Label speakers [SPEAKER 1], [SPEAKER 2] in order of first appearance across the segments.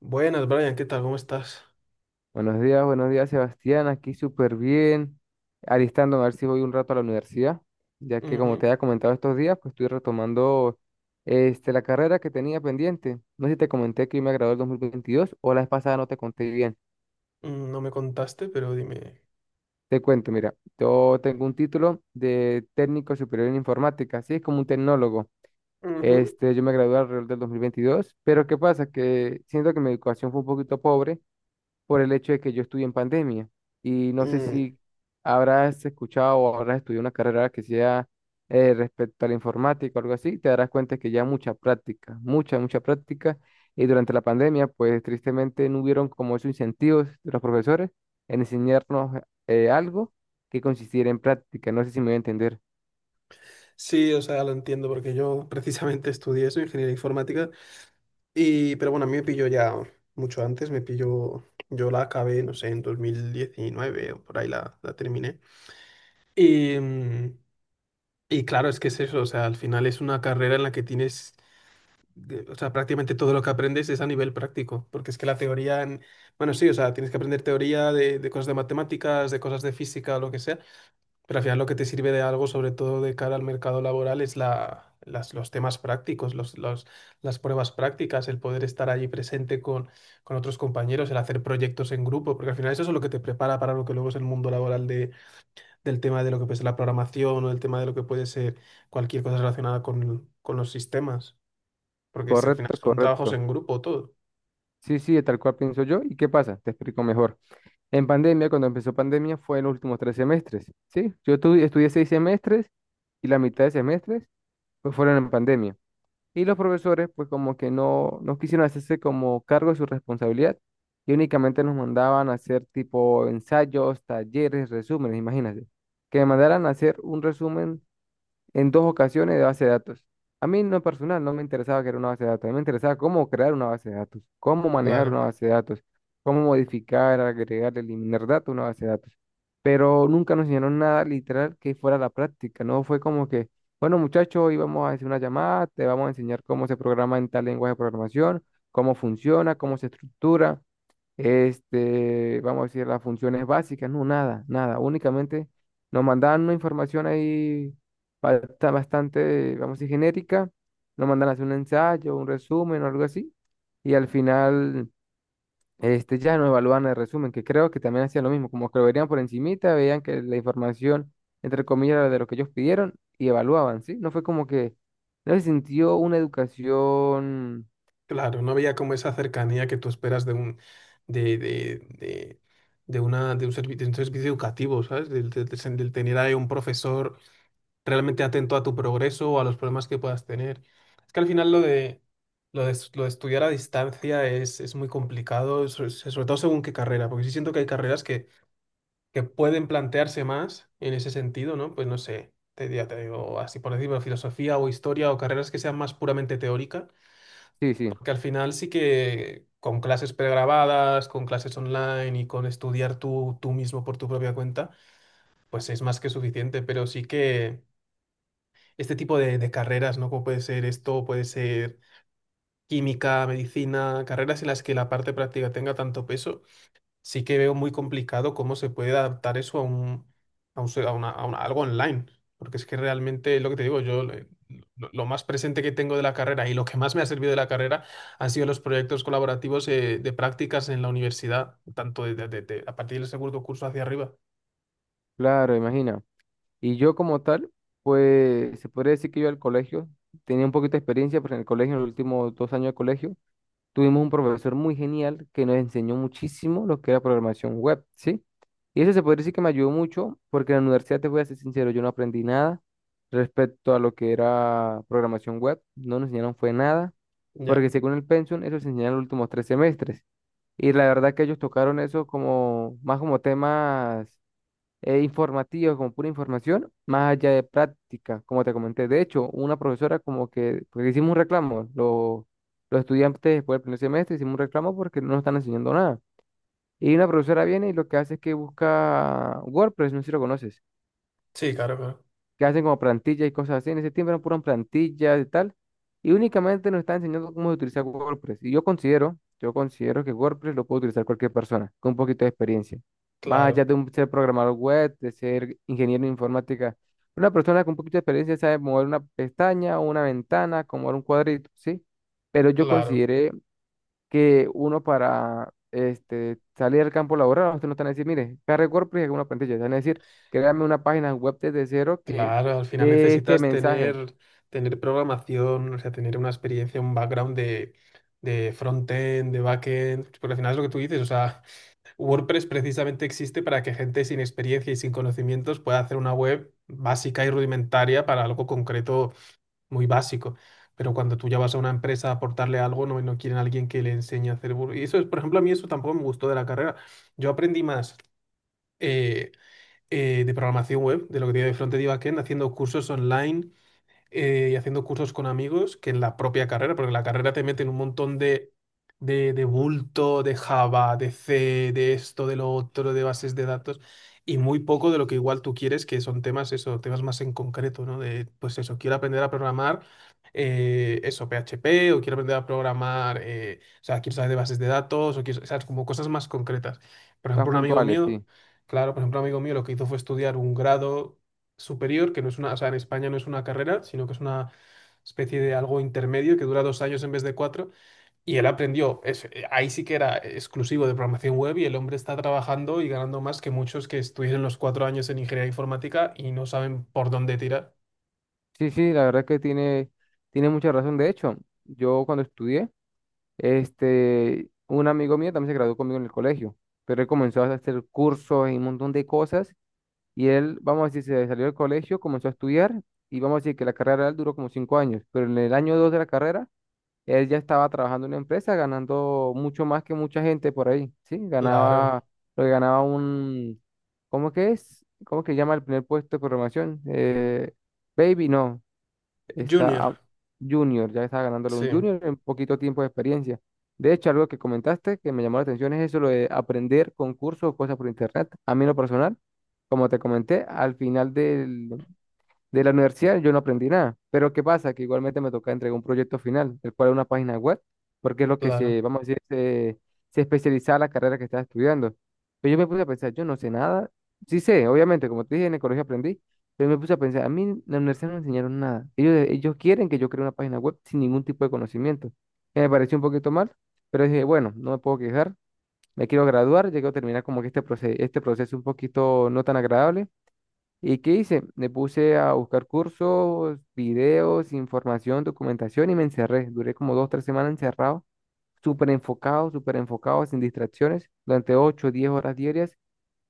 [SPEAKER 1] Buenas, Brian, ¿qué tal? ¿Cómo estás?
[SPEAKER 2] Buenos días, Sebastián. Aquí súper bien. Alistándome a ver si voy un rato a la universidad, ya que como te
[SPEAKER 1] Ujú.
[SPEAKER 2] había comentado estos días, pues estoy retomando este, la carrera que tenía pendiente. No sé si te comenté que yo me gradué el 2022 o la vez pasada no te conté bien.
[SPEAKER 1] No me contaste, pero dime.
[SPEAKER 2] Te cuento, mira, yo tengo un título de técnico superior en informática, así es como un tecnólogo.
[SPEAKER 1] Ujú.
[SPEAKER 2] Este, yo me gradué alrededor del 2022, pero ¿qué pasa? Que siento que mi educación fue un poquito pobre por el hecho de que yo estudié en pandemia. Y no sé
[SPEAKER 1] Mm,
[SPEAKER 2] si habrás escuchado o habrás estudiado una carrera que sea respecto a la informática o algo así, te darás cuenta que ya mucha práctica, mucha, mucha práctica. Y durante la pandemia, pues tristemente no hubieron como esos incentivos de los profesores en enseñarnos algo que consistiera en práctica. No sé si me voy a entender.
[SPEAKER 1] Sí, o sea, lo entiendo porque yo precisamente estudié eso, ingeniería informática, y pero bueno, a mí me pilló ya mucho antes, me pilló, yo la acabé, no sé, en 2019 o por ahí la terminé. Y, y claro, es que es eso, o sea, al final es una carrera en la que tienes o sea, prácticamente todo lo que aprendes es a nivel práctico, porque es que la teoría, bueno, sí, o sea, tienes que aprender teoría de cosas de matemáticas, de cosas de física, lo que sea, pero al final lo que te sirve de algo, sobre todo de cara al mercado laboral, es los temas prácticos, las pruebas prácticas, el poder estar allí presente con otros compañeros, el hacer proyectos en grupo, porque al final eso es lo que te prepara para lo que luego es el mundo laboral de, del tema de lo que puede ser la programación o el tema de lo que puede ser cualquier cosa relacionada con los sistemas. Porque si al final
[SPEAKER 2] Correcto,
[SPEAKER 1] son trabajos
[SPEAKER 2] correcto.
[SPEAKER 1] en grupo todo.
[SPEAKER 2] Sí, sí, tal cual pienso yo. ¿Y qué pasa? Te explico mejor. En pandemia, cuando empezó pandemia, fue en los últimos 3 semestres, ¿sí? Yo estudié 6 semestres y la mitad de semestres pues fueron en pandemia. Y los profesores pues como que no, no quisieron hacerse como cargo de su responsabilidad y únicamente nos mandaban a hacer tipo ensayos, talleres, resúmenes, imagínate. Que me mandaran a hacer un resumen en dos ocasiones de base de datos. A mí no personal, no me interesaba que era una base de datos, a mí me interesaba cómo crear una base de datos, cómo manejar una
[SPEAKER 1] Claro,
[SPEAKER 2] base de datos, cómo modificar, agregar, eliminar datos a una base de datos. Pero nunca nos enseñaron nada literal que fuera la práctica, no fue como que, bueno, muchachos, hoy vamos a hacer una llamada, te vamos a enseñar cómo se programa en tal lenguaje de programación, cómo funciona, cómo se estructura este, vamos a decir, las funciones básicas. No, nada, nada, únicamente nos mandaban una información ahí bastante, vamos a decir, genérica, nos mandan a hacer un ensayo, un resumen o algo así, y al final, este, ya nos evalúan el resumen, que creo que también hacían lo mismo, como que lo verían por encimita, veían que la información, entre comillas, era de lo que ellos pidieron, y evaluaban, ¿sí? No fue como que, no se sintió una educación,
[SPEAKER 1] claro, no había como esa cercanía que tú esperas de un de, de, de, de una de un servicio educativo, ¿sabes? Del tener ahí un profesor realmente atento a tu progreso o a los problemas que puedas tener. Es que al final lo de lo de, lo de estudiar a distancia es muy complicado, sobre todo según qué carrera, porque sí siento que hay carreras que pueden plantearse más en ese sentido, ¿no? Pues no sé, te, ya te digo, así por decirlo, filosofía o historia o carreras que sean más puramente teóricas,
[SPEAKER 2] sí, sí,
[SPEAKER 1] porque al final sí que con clases pregrabadas, con clases online y con estudiar tú, tú mismo por tu propia cuenta, pues es más que suficiente, pero sí que este tipo de carreras, ¿no? Como puede ser esto, puede ser química, medicina, carreras en las que la parte práctica tenga tanto peso sí que veo muy complicado cómo se puede adaptar eso a un, a un a a una- algo online, porque es que realmente lo que te digo, yo lo más presente que tengo de la carrera y lo que más me ha servido de la carrera han sido los proyectos colaborativos de prácticas en la universidad, tanto de, a partir del segundo curso hacia arriba.
[SPEAKER 2] claro, imagina. Y yo como tal, pues se podría decir que yo al colegio tenía un poquito de experiencia, porque en el colegio, en los últimos 2 años de colegio, tuvimos un profesor muy genial que nos enseñó muchísimo lo que era programación web, ¿sí? Y eso se podría decir que me ayudó mucho, porque en la universidad, te voy a ser sincero, yo no aprendí nada respecto a lo que era programación web, no nos enseñaron fue nada,
[SPEAKER 1] Ya,
[SPEAKER 2] porque según el Pensum, eso se enseñó en los últimos 3 semestres. Y la verdad que ellos tocaron eso como más como temas informativos, como pura información, más allá de práctica, como te comenté. De hecho, una profesora, como que, porque hicimos un reclamo, los estudiantes después del primer semestre hicimos un reclamo porque no nos están enseñando nada. Y una profesora viene y lo que hace es que busca WordPress, no sé si lo conoces,
[SPEAKER 1] sí, claro, claro,
[SPEAKER 2] que hacen como plantillas y cosas así. En ese tiempo eran puras plantillas y tal. Y únicamente nos están enseñando cómo utilizar WordPress. Y yo considero que WordPress lo puede utilizar cualquier persona con un poquito de experiencia. Más allá
[SPEAKER 1] claro,
[SPEAKER 2] de un, ser programador web, de ser ingeniero en informática. Una persona con un poquito de experiencia sabe mover una pestaña o una ventana, como mover un cuadrito, ¿sí? Pero yo
[SPEAKER 1] claro,
[SPEAKER 2] consideré que uno para este, salir al campo laboral, usted no te van a decir, mire, cargue WordPress y haga una plantilla. Te van a decir, créame una página web desde cero que
[SPEAKER 1] claro. Al final
[SPEAKER 2] dé este
[SPEAKER 1] necesitas
[SPEAKER 2] mensaje,
[SPEAKER 1] tener, tener programación, o sea, tener una experiencia, un background de front-end, de back-end, porque al final es lo que tú dices, o sea, WordPress precisamente existe para que gente sin experiencia y sin conocimientos pueda hacer una web básica y rudimentaria para algo concreto muy básico. Pero cuando tú ya vas a una empresa a aportarle algo, no, no quieren a alguien que le enseñe a hacer... Word- Y eso es, por ejemplo, a mí eso tampoco me gustó de la carrera. Yo aprendí más eh, de programación web, de lo que tiene de frontend y backend, haciendo cursos online y haciendo cursos con amigos que en la propia carrera, porque en la carrera te meten un montón de bulto, de Java, de C, de esto, de lo otro, de bases de datos, y muy poco de lo que igual tú quieres, que son temas, eso, temas más en concreto, ¿no? De, pues eso, quiero aprender a programar. Eso, PHP, o quiero aprender a programar, o sea, quiero saber de bases de datos, o quiero, ¿sabes? Como cosas más concretas. Por
[SPEAKER 2] más
[SPEAKER 1] ejemplo, un amigo
[SPEAKER 2] puntuales,
[SPEAKER 1] mío,
[SPEAKER 2] sí.
[SPEAKER 1] claro, por ejemplo, un amigo mío lo que hizo fue estudiar un grado superior, que no es una, o sea, en España no es una carrera, sino que es una especie de algo intermedio que dura dos años en vez de cuatro. Y él aprendió, ahí sí que era exclusivo de programación web y el hombre está trabajando y ganando más que muchos que estuvieron los cuatro años en ingeniería informática y no saben por dónde tirar.
[SPEAKER 2] Sí, sí, la verdad es que tiene mucha razón. De hecho, yo cuando estudié, este, un amigo mío también se graduó conmigo en el colegio, pero él comenzó a hacer cursos y un montón de cosas. Y él, vamos a decir, se salió del colegio, comenzó a estudiar, y vamos a decir que la carrera de él duró como 5 años, pero en el año dos de la carrera, él ya estaba trabajando en una empresa ganando mucho más que mucha gente por ahí, ¿sí? Ganaba,
[SPEAKER 1] Claro.
[SPEAKER 2] lo que ganaba un, ¿cómo que es? ¿Cómo que llama el primer puesto de programación? Baby, no, está
[SPEAKER 1] Junior,
[SPEAKER 2] Junior, ya estaba ganándolo
[SPEAKER 1] sí,
[SPEAKER 2] un Junior en poquito tiempo de experiencia. De hecho, algo que comentaste que me llamó la atención es eso, lo de aprender concursos o cosas por internet. A mí en lo personal, como te comenté, al final de la universidad yo no aprendí nada, pero ¿qué pasa? Que igualmente me toca entregar un proyecto final, el cual es una página web, porque es lo que
[SPEAKER 1] claro.
[SPEAKER 2] se, vamos a decir, se especializaba la carrera que estaba estudiando. Pero yo me puse a pensar, yo no sé nada, sí sé, obviamente, como te dije, en el colegio aprendí, pero me puse a pensar, a mí en la universidad no me enseñaron nada. Ellos quieren que yo cree una página web sin ningún tipo de conocimiento, que me pareció un poquito mal, pero dije, bueno, no me puedo quejar, me quiero graduar, llego a terminar como que este, este proceso un poquito no tan agradable. ¿Y qué hice? Me puse a buscar cursos, videos, información, documentación y me encerré. Duré como 2, 3 semanas encerrado, súper enfocado, sin distracciones, durante 8, 10 horas diarias,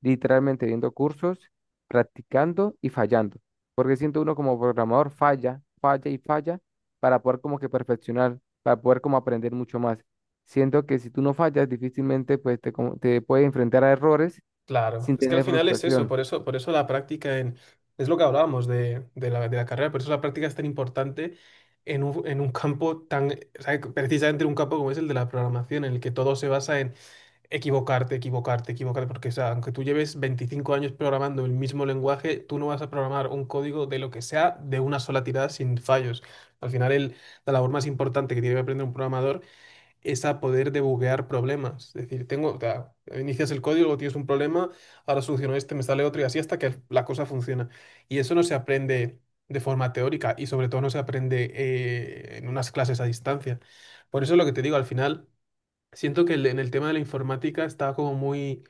[SPEAKER 2] literalmente viendo cursos, practicando y fallando. Porque siento uno como programador falla, falla y falla para poder como que perfeccionar, para poder como aprender mucho más. Siento que si tú no fallas, difícilmente pues te puedes enfrentar a errores
[SPEAKER 1] Claro,
[SPEAKER 2] sin
[SPEAKER 1] es que al
[SPEAKER 2] tener
[SPEAKER 1] final es eso,
[SPEAKER 2] frustración.
[SPEAKER 1] por eso, por eso la práctica en, es lo que hablábamos de la carrera, por eso la práctica es tan importante en un campo tan, o sea, precisamente en un campo como es el de la programación, en el que todo se basa en equivocarte, equivocarte, equivocarte, porque o sea, aunque tú lleves 25 años programando el mismo lenguaje, tú no vas a programar un código de lo que sea de una sola tirada sin fallos. Al final la labor más importante que tiene que aprender un programador es a poder debuguear problemas. Es decir, tengo, o sea, inicias el código, tienes un problema, ahora soluciono este, me sale otro y así hasta que la cosa funciona. Y eso no se aprende de forma teórica y sobre todo no se aprende en unas clases a distancia. Por eso lo que te digo, al final, siento que en el tema de la informática está como muy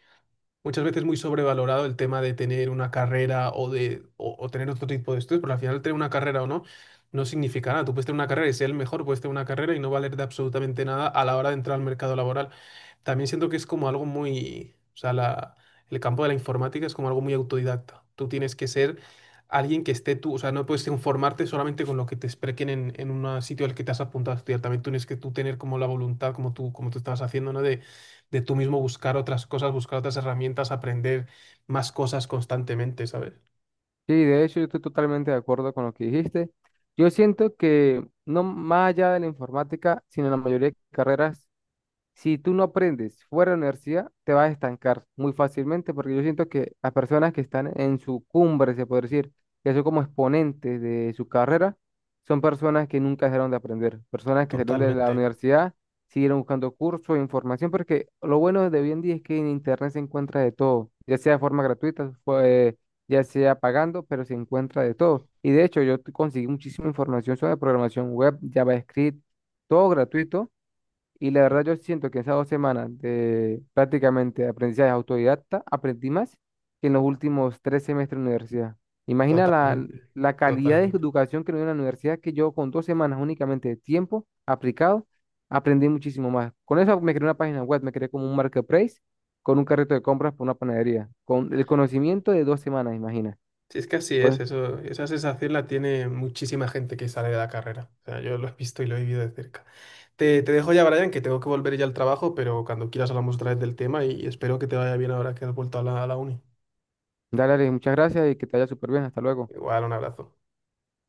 [SPEAKER 1] muchas veces muy sobrevalorado el tema de tener una carrera o de o tener otro tipo de estudios, pero al final tener una carrera o no no significa nada. Tú puedes tener una carrera y ser el mejor, puedes tener una carrera y no valer de absolutamente nada a la hora de entrar al mercado laboral. También siento que es como algo muy, o sea, el campo de la informática es como algo muy autodidacta. Tú tienes que ser alguien que esté tú, o sea, no puedes informarte solamente con lo que te expliquen en un sitio al que te has apuntado a estudiar. También tienes que tú tener como la voluntad, como tú estabas haciendo, ¿no? De tú mismo buscar otras cosas, buscar otras herramientas, aprender más cosas constantemente, ¿sabes?
[SPEAKER 2] Sí, de hecho, yo estoy totalmente de acuerdo con lo que dijiste. Yo siento que no más allá de la informática, sino en la mayoría de carreras, si tú no aprendes fuera de la universidad, te vas a estancar muy fácilmente, porque yo siento que las personas que están en su cumbre, se puede decir, que son como exponentes de su carrera, son personas que nunca dejaron de aprender, personas que salieron de la
[SPEAKER 1] Totalmente,
[SPEAKER 2] universidad, siguieron buscando cursos e información, porque lo bueno de hoy en día es que en internet se encuentra de todo, ya sea de forma gratuita, ya sea pagando, pero se encuentra de todo. Y de hecho, yo conseguí muchísima información sobre programación web, JavaScript, todo gratuito, y la verdad yo siento que en esas 2 semanas de prácticamente aprendizaje autodidacta, aprendí más que en los últimos 3 semestres de universidad. Imagina la,
[SPEAKER 1] totalmente,
[SPEAKER 2] la calidad de
[SPEAKER 1] totalmente.
[SPEAKER 2] educación que me dio la universidad, que yo con 2 semanas únicamente de tiempo aplicado, aprendí muchísimo más. Con eso me creé una página web, me creé como un marketplace con un carrito de compras por una panadería, con el conocimiento de 2 semanas, imagina.
[SPEAKER 1] Sí, es que así
[SPEAKER 2] Pues,
[SPEAKER 1] es, eso, esa sensación la tiene muchísima gente que sale de la carrera. O sea, yo lo he visto y lo he vivido de cerca. Te dejo ya, Brian, que tengo que volver ya al trabajo, pero cuando quieras hablamos otra vez del tema y espero que te vaya bien ahora que has vuelto a a la uni.
[SPEAKER 2] dale, Alex, muchas gracias y que te vaya súper bien. Hasta luego.
[SPEAKER 1] Igual, un abrazo.